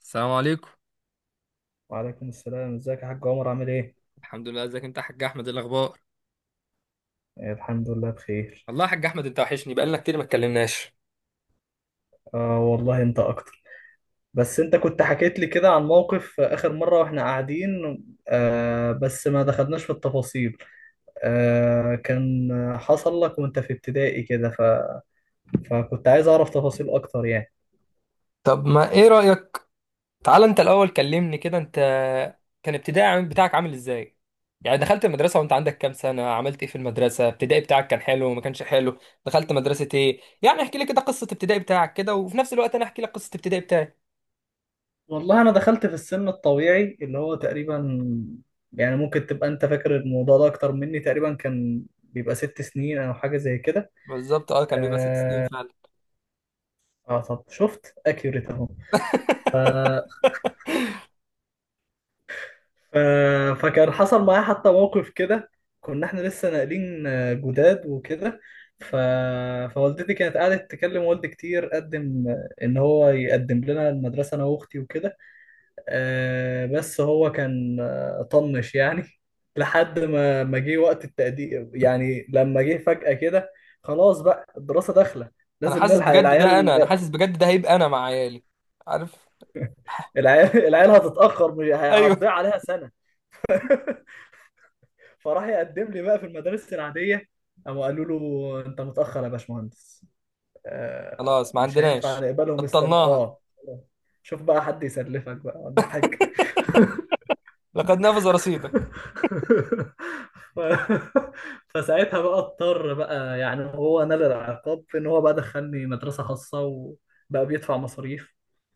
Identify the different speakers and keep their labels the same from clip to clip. Speaker 1: السلام عليكم.
Speaker 2: وعليكم السلام، ازيك يا حاج عمر؟ عامل ايه؟
Speaker 1: الحمد لله، ازيك انت يا حاج احمد؟ إيه الاخبار؟
Speaker 2: آه، الحمد لله بخير.
Speaker 1: والله يا حاج احمد انت وحشني، بقالنا كتير ما اتكلمناش.
Speaker 2: آه والله انت اكتر. بس انت كنت حكيت لي كده عن موقف، اخر مرة واحنا قاعدين. بس ما دخلناش في التفاصيل. كان حصل لك وانت في ابتدائي كده. فكنت عايز اعرف تفاصيل اكتر يعني.
Speaker 1: طب ما ايه رأيك؟ تعال انت الاول كلمني كده انت. كان ابتدائي بتاعك عامل ازاي؟ يعني دخلت المدرسة وانت عندك كام سنة؟ عملت ايه في المدرسة؟ ابتدائي بتاعك كان حلو ما كانش حلو؟ دخلت مدرسة ايه؟ يعني احكي لي كده قصة ابتدائي بتاعك كده، وفي نفس الوقت انا احكي لك قصة ابتدائي بتاعي.
Speaker 2: والله انا دخلت في السن الطبيعي اللي هو تقريبا، يعني ممكن تبقى انت فاكر الموضوع ده اكتر مني، تقريبا كان بيبقى ست سنين او حاجة زي كده.
Speaker 1: بالظبط، اه كان بيبقى 6 سنين فعلا.
Speaker 2: اه طب شفت اكيوريت. اهو. ف- فكان حصل معايا حتى موقف كده. كنا احنا لسه ناقلين جداد وكده. ف... فوالدتي كانت قعدت تكلم والدي كتير قدم، ان هو يقدم لنا المدرسه انا واختي وكده. بس هو كان طنش يعني. لحد ما جه وقت التقديم، يعني لما جه فجأة كده، خلاص بقى الدراسه داخله،
Speaker 1: انا
Speaker 2: لازم
Speaker 1: حاسس
Speaker 2: نلحق
Speaker 1: بجد ده،
Speaker 2: العيال.
Speaker 1: انا حاسس بجد ده، هيبقى انا مع عيالي. عارف.
Speaker 2: العيال العيال هتتأخر، هتضيع عليها سنه. فراح يقدم لي بقى في المدارس العادية، قاموا قالوا له: انت متأخر يا باشمهندس،
Speaker 1: خلاص، ما
Speaker 2: مش هينفع
Speaker 1: عندناش،
Speaker 2: نقبلهم، استنى
Speaker 1: بطلناها.
Speaker 2: اه. شوف بقى حد يسلفك بقى ولا حاجة.
Speaker 1: لقد نفذ رصيدك.
Speaker 2: ف... فساعتها بقى اضطر بقى، يعني هو نال العقاب في ان هو بقى دخلني مدرسة خاصة وبقى بيدفع مصاريف،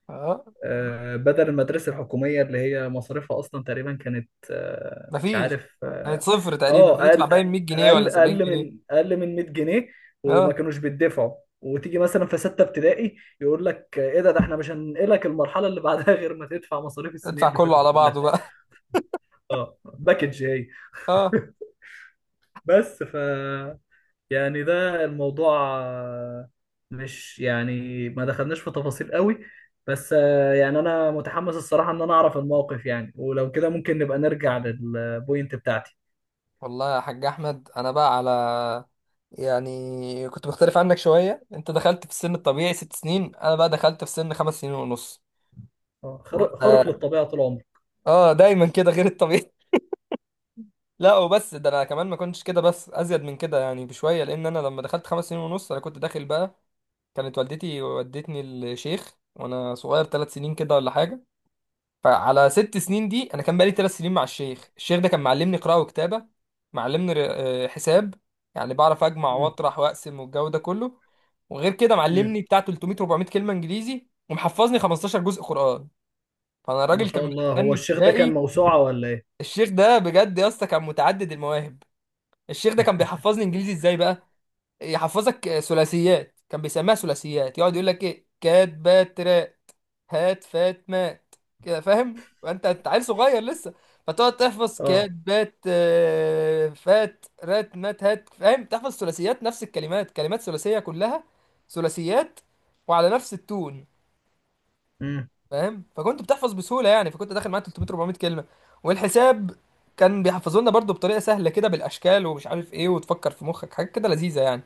Speaker 1: اه،
Speaker 2: بدل المدرسة الحكومية اللي هي مصاريفها أصلا تقريبا كانت، مش
Speaker 1: مفيش.
Speaker 2: عارف
Speaker 1: كانت
Speaker 2: اه.
Speaker 1: صفر تقريبا،
Speaker 2: آه،
Speaker 1: بندفع
Speaker 2: أقل
Speaker 1: باين 100 جنيه ولا
Speaker 2: أقل
Speaker 1: 70
Speaker 2: أقل من
Speaker 1: جنيه
Speaker 2: أقل من 100 جنيه، وما
Speaker 1: اه،
Speaker 2: كانوش بيدفعوا. وتيجي مثلا في ستة ابتدائي يقول لك: إيه ده؟ ده إحنا مش هننقلك المرحلة اللي بعدها غير ما تدفع مصاريف السنين
Speaker 1: ادفع
Speaker 2: اللي
Speaker 1: كله
Speaker 2: فاتت
Speaker 1: على
Speaker 2: كلها.
Speaker 1: بعضه بقى.
Speaker 2: أه، باكج هي.
Speaker 1: اه.
Speaker 2: بس يعني ده الموضوع، مش يعني ما دخلناش في تفاصيل قوي. بس يعني انا متحمس الصراحة ان انا اعرف الموقف، يعني ولو كده ممكن نبقى نرجع للبوينت بتاعتي.
Speaker 1: والله يا حاج احمد انا بقى على، يعني كنت مختلف عنك شويه. انت دخلت في السن الطبيعي ست سنين، انا بقى دخلت في سن 5 سنين ونص.
Speaker 2: خارق
Speaker 1: اه،
Speaker 2: خارق للطبيعة طول عمري.
Speaker 1: دايما كده غير الطبيعي. لا وبس، ده انا كمان ما كنتش كده بس ازيد من كده يعني بشويه، لان انا لما دخلت 5 سنين ونص انا كنت داخل بقى. كانت والدتي ودتني الشيخ وانا صغير 3 سنين كده ولا حاجه. فعلى 6 سنين دي انا كان بقالي 3 سنين مع الشيخ. الشيخ ده كان معلمني قراءه وكتابه، معلمني حساب، يعني بعرف اجمع
Speaker 2: مم.
Speaker 1: واطرح واقسم والجو ده كله. وغير كده
Speaker 2: مم.
Speaker 1: معلمني بتاع 300 400 كلمه انجليزي، ومحفظني 15 جزء قران. فانا
Speaker 2: ما
Speaker 1: الراجل كان
Speaker 2: شاء الله، هو
Speaker 1: مدخلني
Speaker 2: الشيخ ده كان
Speaker 1: ابتدائي.
Speaker 2: موسوعة ولا ايه؟
Speaker 1: الشيخ ده بجد يا اسطى كان متعدد المواهب. الشيخ ده كان بيحفظني انجليزي ازاي بقى؟ يحفظك ثلاثيات، كان بيسميها ثلاثيات. يقعد يقول لك ايه، كات بات هات فات مات كده، فاهم؟ انت انت عيل صغير لسه، فتقعد تحفظ كات
Speaker 2: اه.
Speaker 1: بات فات رات مات هات. فاهم؟ تحفظ ثلاثيات، نفس الكلمات، كلمات ثلاثيه كلها، ثلاثيات، وعلى نفس التون.
Speaker 2: امم.
Speaker 1: فاهم؟ فكنت بتحفظ بسهوله يعني، فكنت داخل معاه 300 400 كلمه. والحساب كان بيحفظوا لنا برضه بطريقه سهله كده، بالاشكال ومش عارف ايه، وتفكر في مخك حاجات كده لذيذه يعني.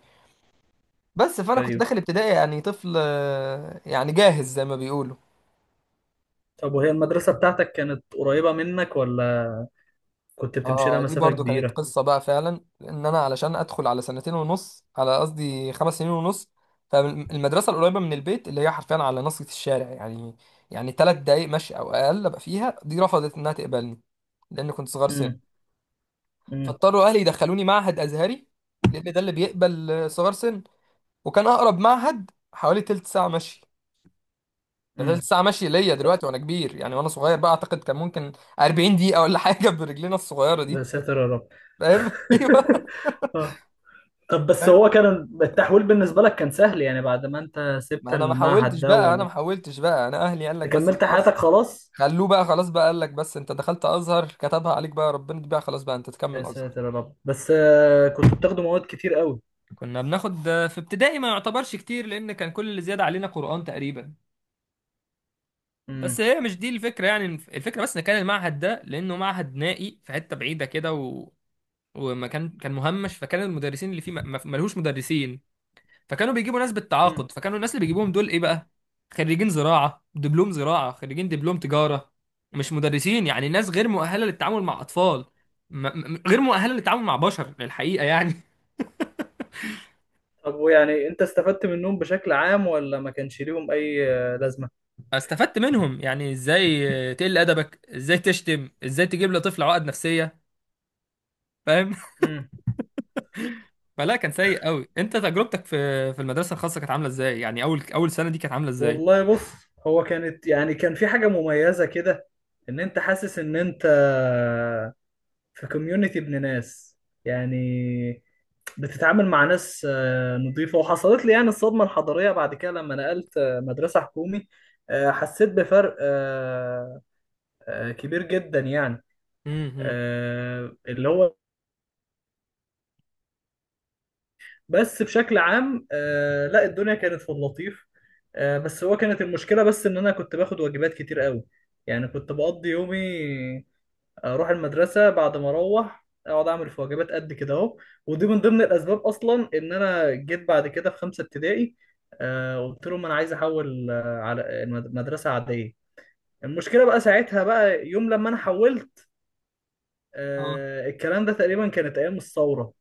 Speaker 1: بس فانا كنت
Speaker 2: ايوه.
Speaker 1: داخل ابتدائي يعني طفل يعني جاهز زي ما بيقولوا.
Speaker 2: طب وهي المدرسة بتاعتك كانت قريبة منك، ولا كنت بتمشي لها
Speaker 1: اه دي
Speaker 2: مسافة
Speaker 1: برضو كانت
Speaker 2: كبيرة؟
Speaker 1: قصة بقى فعلا، ان انا علشان ادخل على سنتين ونص، على قصدي 5 سنين ونص، فالمدرسة القريبة من البيت اللي هي حرفيا على نص الشارع يعني، يعني 3 دقايق مشي او اقل ابقى فيها، دي رفضت انها تقبلني لان كنت صغير سن.
Speaker 2: امم. امم.
Speaker 1: فاضطروا اهلي يدخلوني معهد ازهري لان ده اللي بيقبل صغار سن. وكان اقرب معهد حوالي تلت ساعة مشي. ده تلت
Speaker 2: امم.
Speaker 1: ساعة مشي ليا دلوقتي وانا كبير يعني، وانا صغير بقى اعتقد كان ممكن 40 دقيقة ولا حاجة، برجلينا الصغيرة دي.
Speaker 2: بساتر يا رب.
Speaker 1: فاهم؟ ايوه.
Speaker 2: اه. طب بس
Speaker 1: فاهم؟
Speaker 2: هو كان التحويل بالنسبة لك كان سهل يعني، بعد ما انت
Speaker 1: ما
Speaker 2: سبت
Speaker 1: انا ما
Speaker 2: المعهد
Speaker 1: حاولتش
Speaker 2: ده
Speaker 1: بقى انا ما حاولتش بقى، انا اهلي قال لك بس
Speaker 2: وكملت حياتك
Speaker 1: خلاص،
Speaker 2: خلاص؟
Speaker 1: خلوه بقى خلاص بقى. قال لك بس انت دخلت ازهر، كتبها عليك بقى ربنا، دي بقى خلاص بقى، انت
Speaker 2: يا
Speaker 1: تكمل ازهر.
Speaker 2: ساتر يا رب، بس كنت بتاخدوا مواد كتير قوي؟
Speaker 1: كنا بناخد في ابتدائي ما يعتبرش كتير، لان كان كل اللي زياده علينا قرآن تقريبا. بس
Speaker 2: امم.
Speaker 1: هي مش دي الفكره يعني، الفكره بس ان كان المعهد ده، لانه معهد نائي في حته بعيده كده و... وما كان مهمش، فكان المدرسين اللي فيه ملهوش مدرسين. فكانوا بيجيبوا ناس
Speaker 2: امم.
Speaker 1: بالتعاقد. فكانوا الناس اللي بيجيبوهم دول ايه بقى؟ خريجين زراعة، دبلوم زراعة، خريجين دبلوم تجارة. مش مدرسين يعني، ناس غير مؤهلة للتعامل مع أطفال. م م غير مؤهلة للتعامل مع بشر الحقيقة يعني.
Speaker 2: طب ويعني انت استفدت منهم بشكل عام، ولا ما كانش ليهم اي لازمة؟
Speaker 1: استفدت منهم يعني ازاي تقل أدبك، ازاي تشتم، ازاي تجيب لطفل عقد نفسية. فاهم؟
Speaker 2: امم.
Speaker 1: فلا، كان سيء قوي. انت تجربتك في في المدرسة الخاصة كانت عاملة ازاي يعني؟ اول سنة دي كانت عاملة ازاي؟
Speaker 2: والله بص، هو كانت يعني كان في حاجة مميزة كده، ان انت حاسس ان انت في كوميونتي ابن ناس، يعني بتتعامل مع ناس نظيفة. وحصلت لي يعني الصدمة الحضارية بعد كده لما نقلت مدرسة حكومي. حسيت بفرق كبير جدا يعني.
Speaker 1: امم.
Speaker 2: اللي هو، بس بشكل عام لا الدنيا كانت في اللطيف. بس هو كانت المشكلة بس إن أنا كنت باخد واجبات كتير قوي، يعني كنت بقضي يومي اروح المدرسه، بعد ما اروح اقعد اعمل في واجبات قد كده اهو. ودي من ضمن الاسباب اصلا ان انا جيت بعد كده في خمسه ابتدائي، قلت لهم انا عايز احول على مدرسه عاديه. المشكله بقى ساعتها بقى، يوم لما انا حولت،
Speaker 1: اه.
Speaker 2: الكلام ده تقريبا كانت ايام الثوره.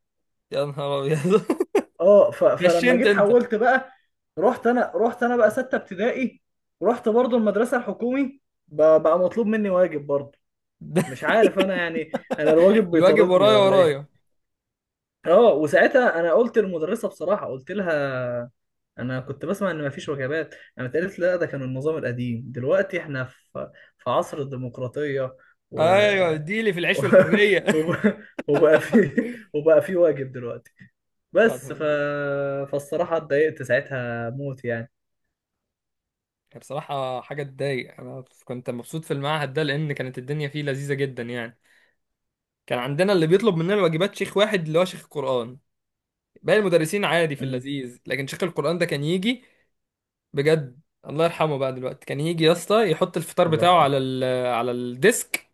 Speaker 1: يا نهار ابيض.
Speaker 2: اه. فلما
Speaker 1: نشنت
Speaker 2: جيت
Speaker 1: انت.
Speaker 2: حولت بقى، رحت انا بقى سته ابتدائي. رحت برضو المدرسه الحكومي، بقى مطلوب مني واجب برضو. مش عارف انا يعني، انا الواجب
Speaker 1: الواجب
Speaker 2: بيطاردني
Speaker 1: ورايا
Speaker 2: ولا ايه؟
Speaker 1: ورايا.
Speaker 2: اه وساعتها انا قلت للمدرسه بصراحه، قلت لها انا كنت بسمع ان مفيش وجبات. انا قالت: لا، ده كان النظام القديم، دلوقتي احنا في عصر الديمقراطيه. و...
Speaker 1: ايوه دي اللي في
Speaker 2: و...
Speaker 1: العيش والحريه.
Speaker 2: وب- وبقى في وبقى في واجب دلوقتي.
Speaker 1: يا نهار
Speaker 2: بس
Speaker 1: أبيض.
Speaker 2: فالصراحه اتضايقت ساعتها موت يعني.
Speaker 1: هي بصراحه حاجه تضايق. انا كنت مبسوط في المعهد ده لان كانت الدنيا فيه لذيذه جدا يعني. كان عندنا اللي بيطلب مننا الواجبات شيخ واحد، اللي هو شيخ القران. باقي المدرسين عادي في
Speaker 2: امم.
Speaker 1: اللذيذ، لكن شيخ القران ده كان يجي بجد. الله يرحمه بقى دلوقتي، كان يجي يا اسطى يحط الفطار
Speaker 2: الله
Speaker 1: بتاعه
Speaker 2: يرحمه.
Speaker 1: على ال على الديسك،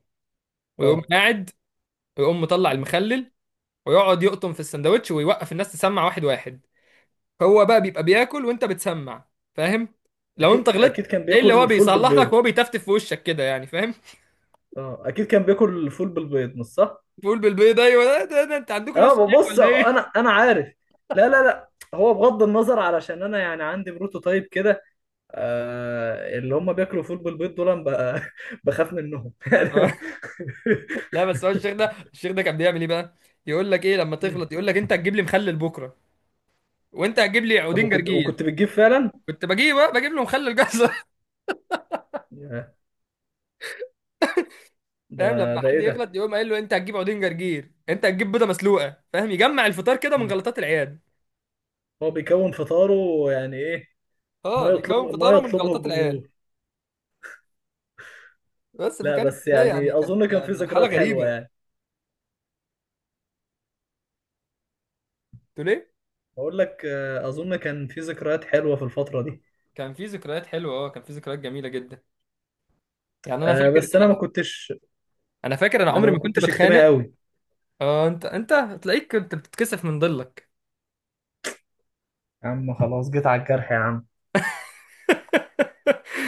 Speaker 1: ويقوم
Speaker 2: اه.
Speaker 1: قاعد، ويقوم مطلع
Speaker 2: مم.
Speaker 1: المخلل، ويقعد يقطم في السندوتش ويوقف الناس تسمع واحد واحد. هو بقى بيبقى بياكل وانت بتسمع، فاهم؟ لو انت
Speaker 2: اكيد
Speaker 1: غلطت
Speaker 2: اكيد كان
Speaker 1: تلاقيه اللي هو
Speaker 2: بياكل فول
Speaker 1: بيصلح لك
Speaker 2: بالبيض.
Speaker 1: وهو بيتفتف في وشك كده يعني. فاهم؟
Speaker 2: اه اكيد كان بياكل فول بالبيض، مش صح؟
Speaker 1: بيقول بالبيض، ايوه، ده انت عندكم
Speaker 2: اه
Speaker 1: نفس الشيخ
Speaker 2: ببص،
Speaker 1: ولا
Speaker 2: انا
Speaker 1: ايه؟
Speaker 2: انا عارف. لا لا لا، هو بغض النظر، علشان انا يعني عندي بروتوتايب كده. آه اللي هم بياكلوا فول بالبيض دول، أنا بخاف منهم يعني.
Speaker 1: لا بس هو الشيخ ده، الشيخ ده كان بيعمل ايه بقى؟ يقول لك ايه لما
Speaker 2: مم.
Speaker 1: تغلط؟ يقول لك انت هتجيب لي مخلل بكره، وانت هتجيب لي
Speaker 2: طب
Speaker 1: عودين
Speaker 2: وكنت
Speaker 1: جرجير.
Speaker 2: بتجيب فعلا؟
Speaker 1: كنت بجيب بقى، بجيب له مخلل جزر.
Speaker 2: ياه،
Speaker 1: فاهم؟ لما
Speaker 2: ده
Speaker 1: حد
Speaker 2: ايه ده؟
Speaker 1: يغلط يقوم قايل له انت هتجيب عودين جرجير، انت هتجيب بيضه مسلوقه. فاهم؟ يجمع الفطار كده من
Speaker 2: مم.
Speaker 1: غلطات العيال.
Speaker 2: هو بيكون فطاره؟ يعني ايه؟
Speaker 1: اه، بيكون
Speaker 2: ما
Speaker 1: فطاره من
Speaker 2: يطلبه
Speaker 1: غلطات العيال.
Speaker 2: الجمهور.
Speaker 1: بس
Speaker 2: لا
Speaker 1: فكانت
Speaker 2: بس
Speaker 1: ده يعني،
Speaker 2: يعني
Speaker 1: كانت
Speaker 2: اظن كان في
Speaker 1: مرحله
Speaker 2: ذكريات حلوه
Speaker 1: غريبه.
Speaker 2: يعني.
Speaker 1: تقول ايه؟
Speaker 2: بقول لك اظن كان في ذكريات حلوه في الفتره دي.
Speaker 1: كان في ذكريات حلوه، اه كان في ذكريات جميله جدا يعني. انا فاكر
Speaker 2: بس
Speaker 1: انا أنا فاكر انا
Speaker 2: انا
Speaker 1: عمري
Speaker 2: ما
Speaker 1: ما كنت
Speaker 2: كنتش اجتماعي
Speaker 1: بتخانق.
Speaker 2: قوي.
Speaker 1: اه انت تلاقيك كنت بتتكسف من ضلك.
Speaker 2: يا عم خلاص جيت على الجرح يا عم،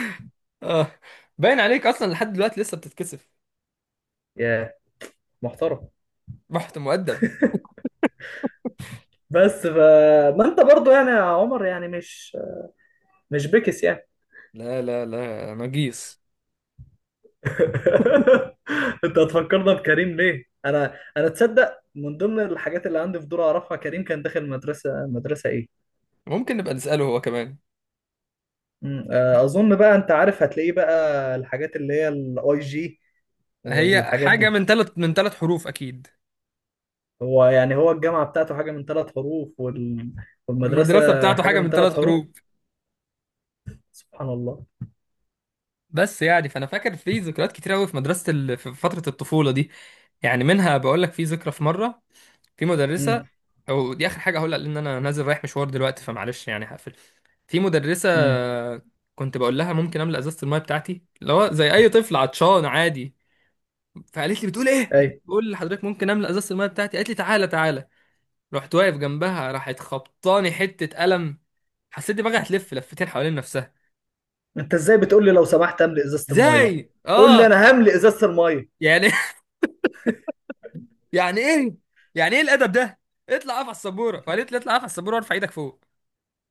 Speaker 1: اه باين عليك اصلا لحد دلوقتي لسه بتتكسف.
Speaker 2: يا محترم.
Speaker 1: رحت مؤدب.
Speaker 2: بس ما انت برضو يعني يا عمر، يعني مش بكس يعني.
Speaker 1: لا لا لا نجيس.
Speaker 2: انت هتفكرنا بكريم ليه؟ انا تصدق من ضمن الحاجات اللي عندي فضول اعرفها، كريم كان داخل مدرسه، مدرسه ايه؟
Speaker 1: ممكن نبقى نساله هو كمان.
Speaker 2: اظن بقى انت عارف هتلاقيه بقى الحاجات اللي هي الاي جي
Speaker 1: هي
Speaker 2: والحاجات
Speaker 1: حاجه
Speaker 2: دي.
Speaker 1: من ثلاث حروف اكيد.
Speaker 2: هو يعني هو الجامعه بتاعته حاجه من ثلاث حروف، والمدرسه
Speaker 1: المدرسه بتاعته
Speaker 2: حاجه
Speaker 1: حاجه
Speaker 2: من
Speaker 1: من
Speaker 2: ثلاث
Speaker 1: ثلاث
Speaker 2: حروف.
Speaker 1: حروف
Speaker 2: سبحان الله.
Speaker 1: بس يعني فانا فاكر في ذكريات كتير قوي في مدرسه ال... في فتره الطفوله دي. يعني منها بقول لك، في ذكرى، في مره، في مدرسة،
Speaker 2: امم.
Speaker 1: أو دي آخر حاجة هقولها لأن أنا نازل رايح مشوار دلوقتي فمعلش يعني هقفل. في مدرسة
Speaker 2: امم.
Speaker 1: كنت بقول لها ممكن أملأ إزازة الماية بتاعتي، اللي هو زي أي طفل عطشان عادي. فقالت لي بتقول إيه؟ بقول لحضرتك ممكن أملأ إزازة الماية بتاعتي. قالت لي تعالى تعالى. رحت واقف جنبها، راحت خبطاني حتة قلم، حسيت دماغي هتلف لفتين حوالين نفسها.
Speaker 2: انت ازاي بتقول لي لو سمحت املي ازازه الميه؟
Speaker 1: إزاي؟
Speaker 2: قول لي:
Speaker 1: آه
Speaker 2: انا هملي ازازه الميه.
Speaker 1: يعني. يعني إيه؟ يعني إيه الأدب ده؟ اطلع اقف على السبورة. وقالت لي اطلع اقف على السبورة وارفع إيدك فوق.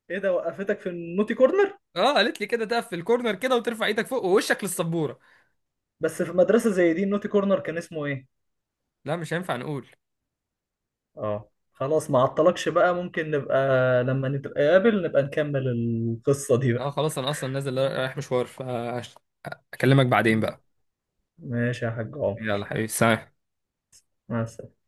Speaker 2: ايه ده؟ وقفتك في النوتي كورنر؟
Speaker 1: اه قالت لي كده، تقف في الكورنر كده وترفع ايدك فوق ووشك للسبوره.
Speaker 2: بس في مدرسه زي دي، النوتي كورنر كان اسمه ايه؟
Speaker 1: لا، مش هينفع نقول.
Speaker 2: اه خلاص، ما عطلكش بقى، ممكن نبقى لما نتقابل نبقى نكمل القصه دي
Speaker 1: اه
Speaker 2: بقى.
Speaker 1: خلاص، انا اصلا نازل رايح مشوار، فاكلمك بعدين بقى.
Speaker 2: ماشي يا حاج عمر.
Speaker 1: يلا حبيبي، سلام.
Speaker 2: مع السلامة.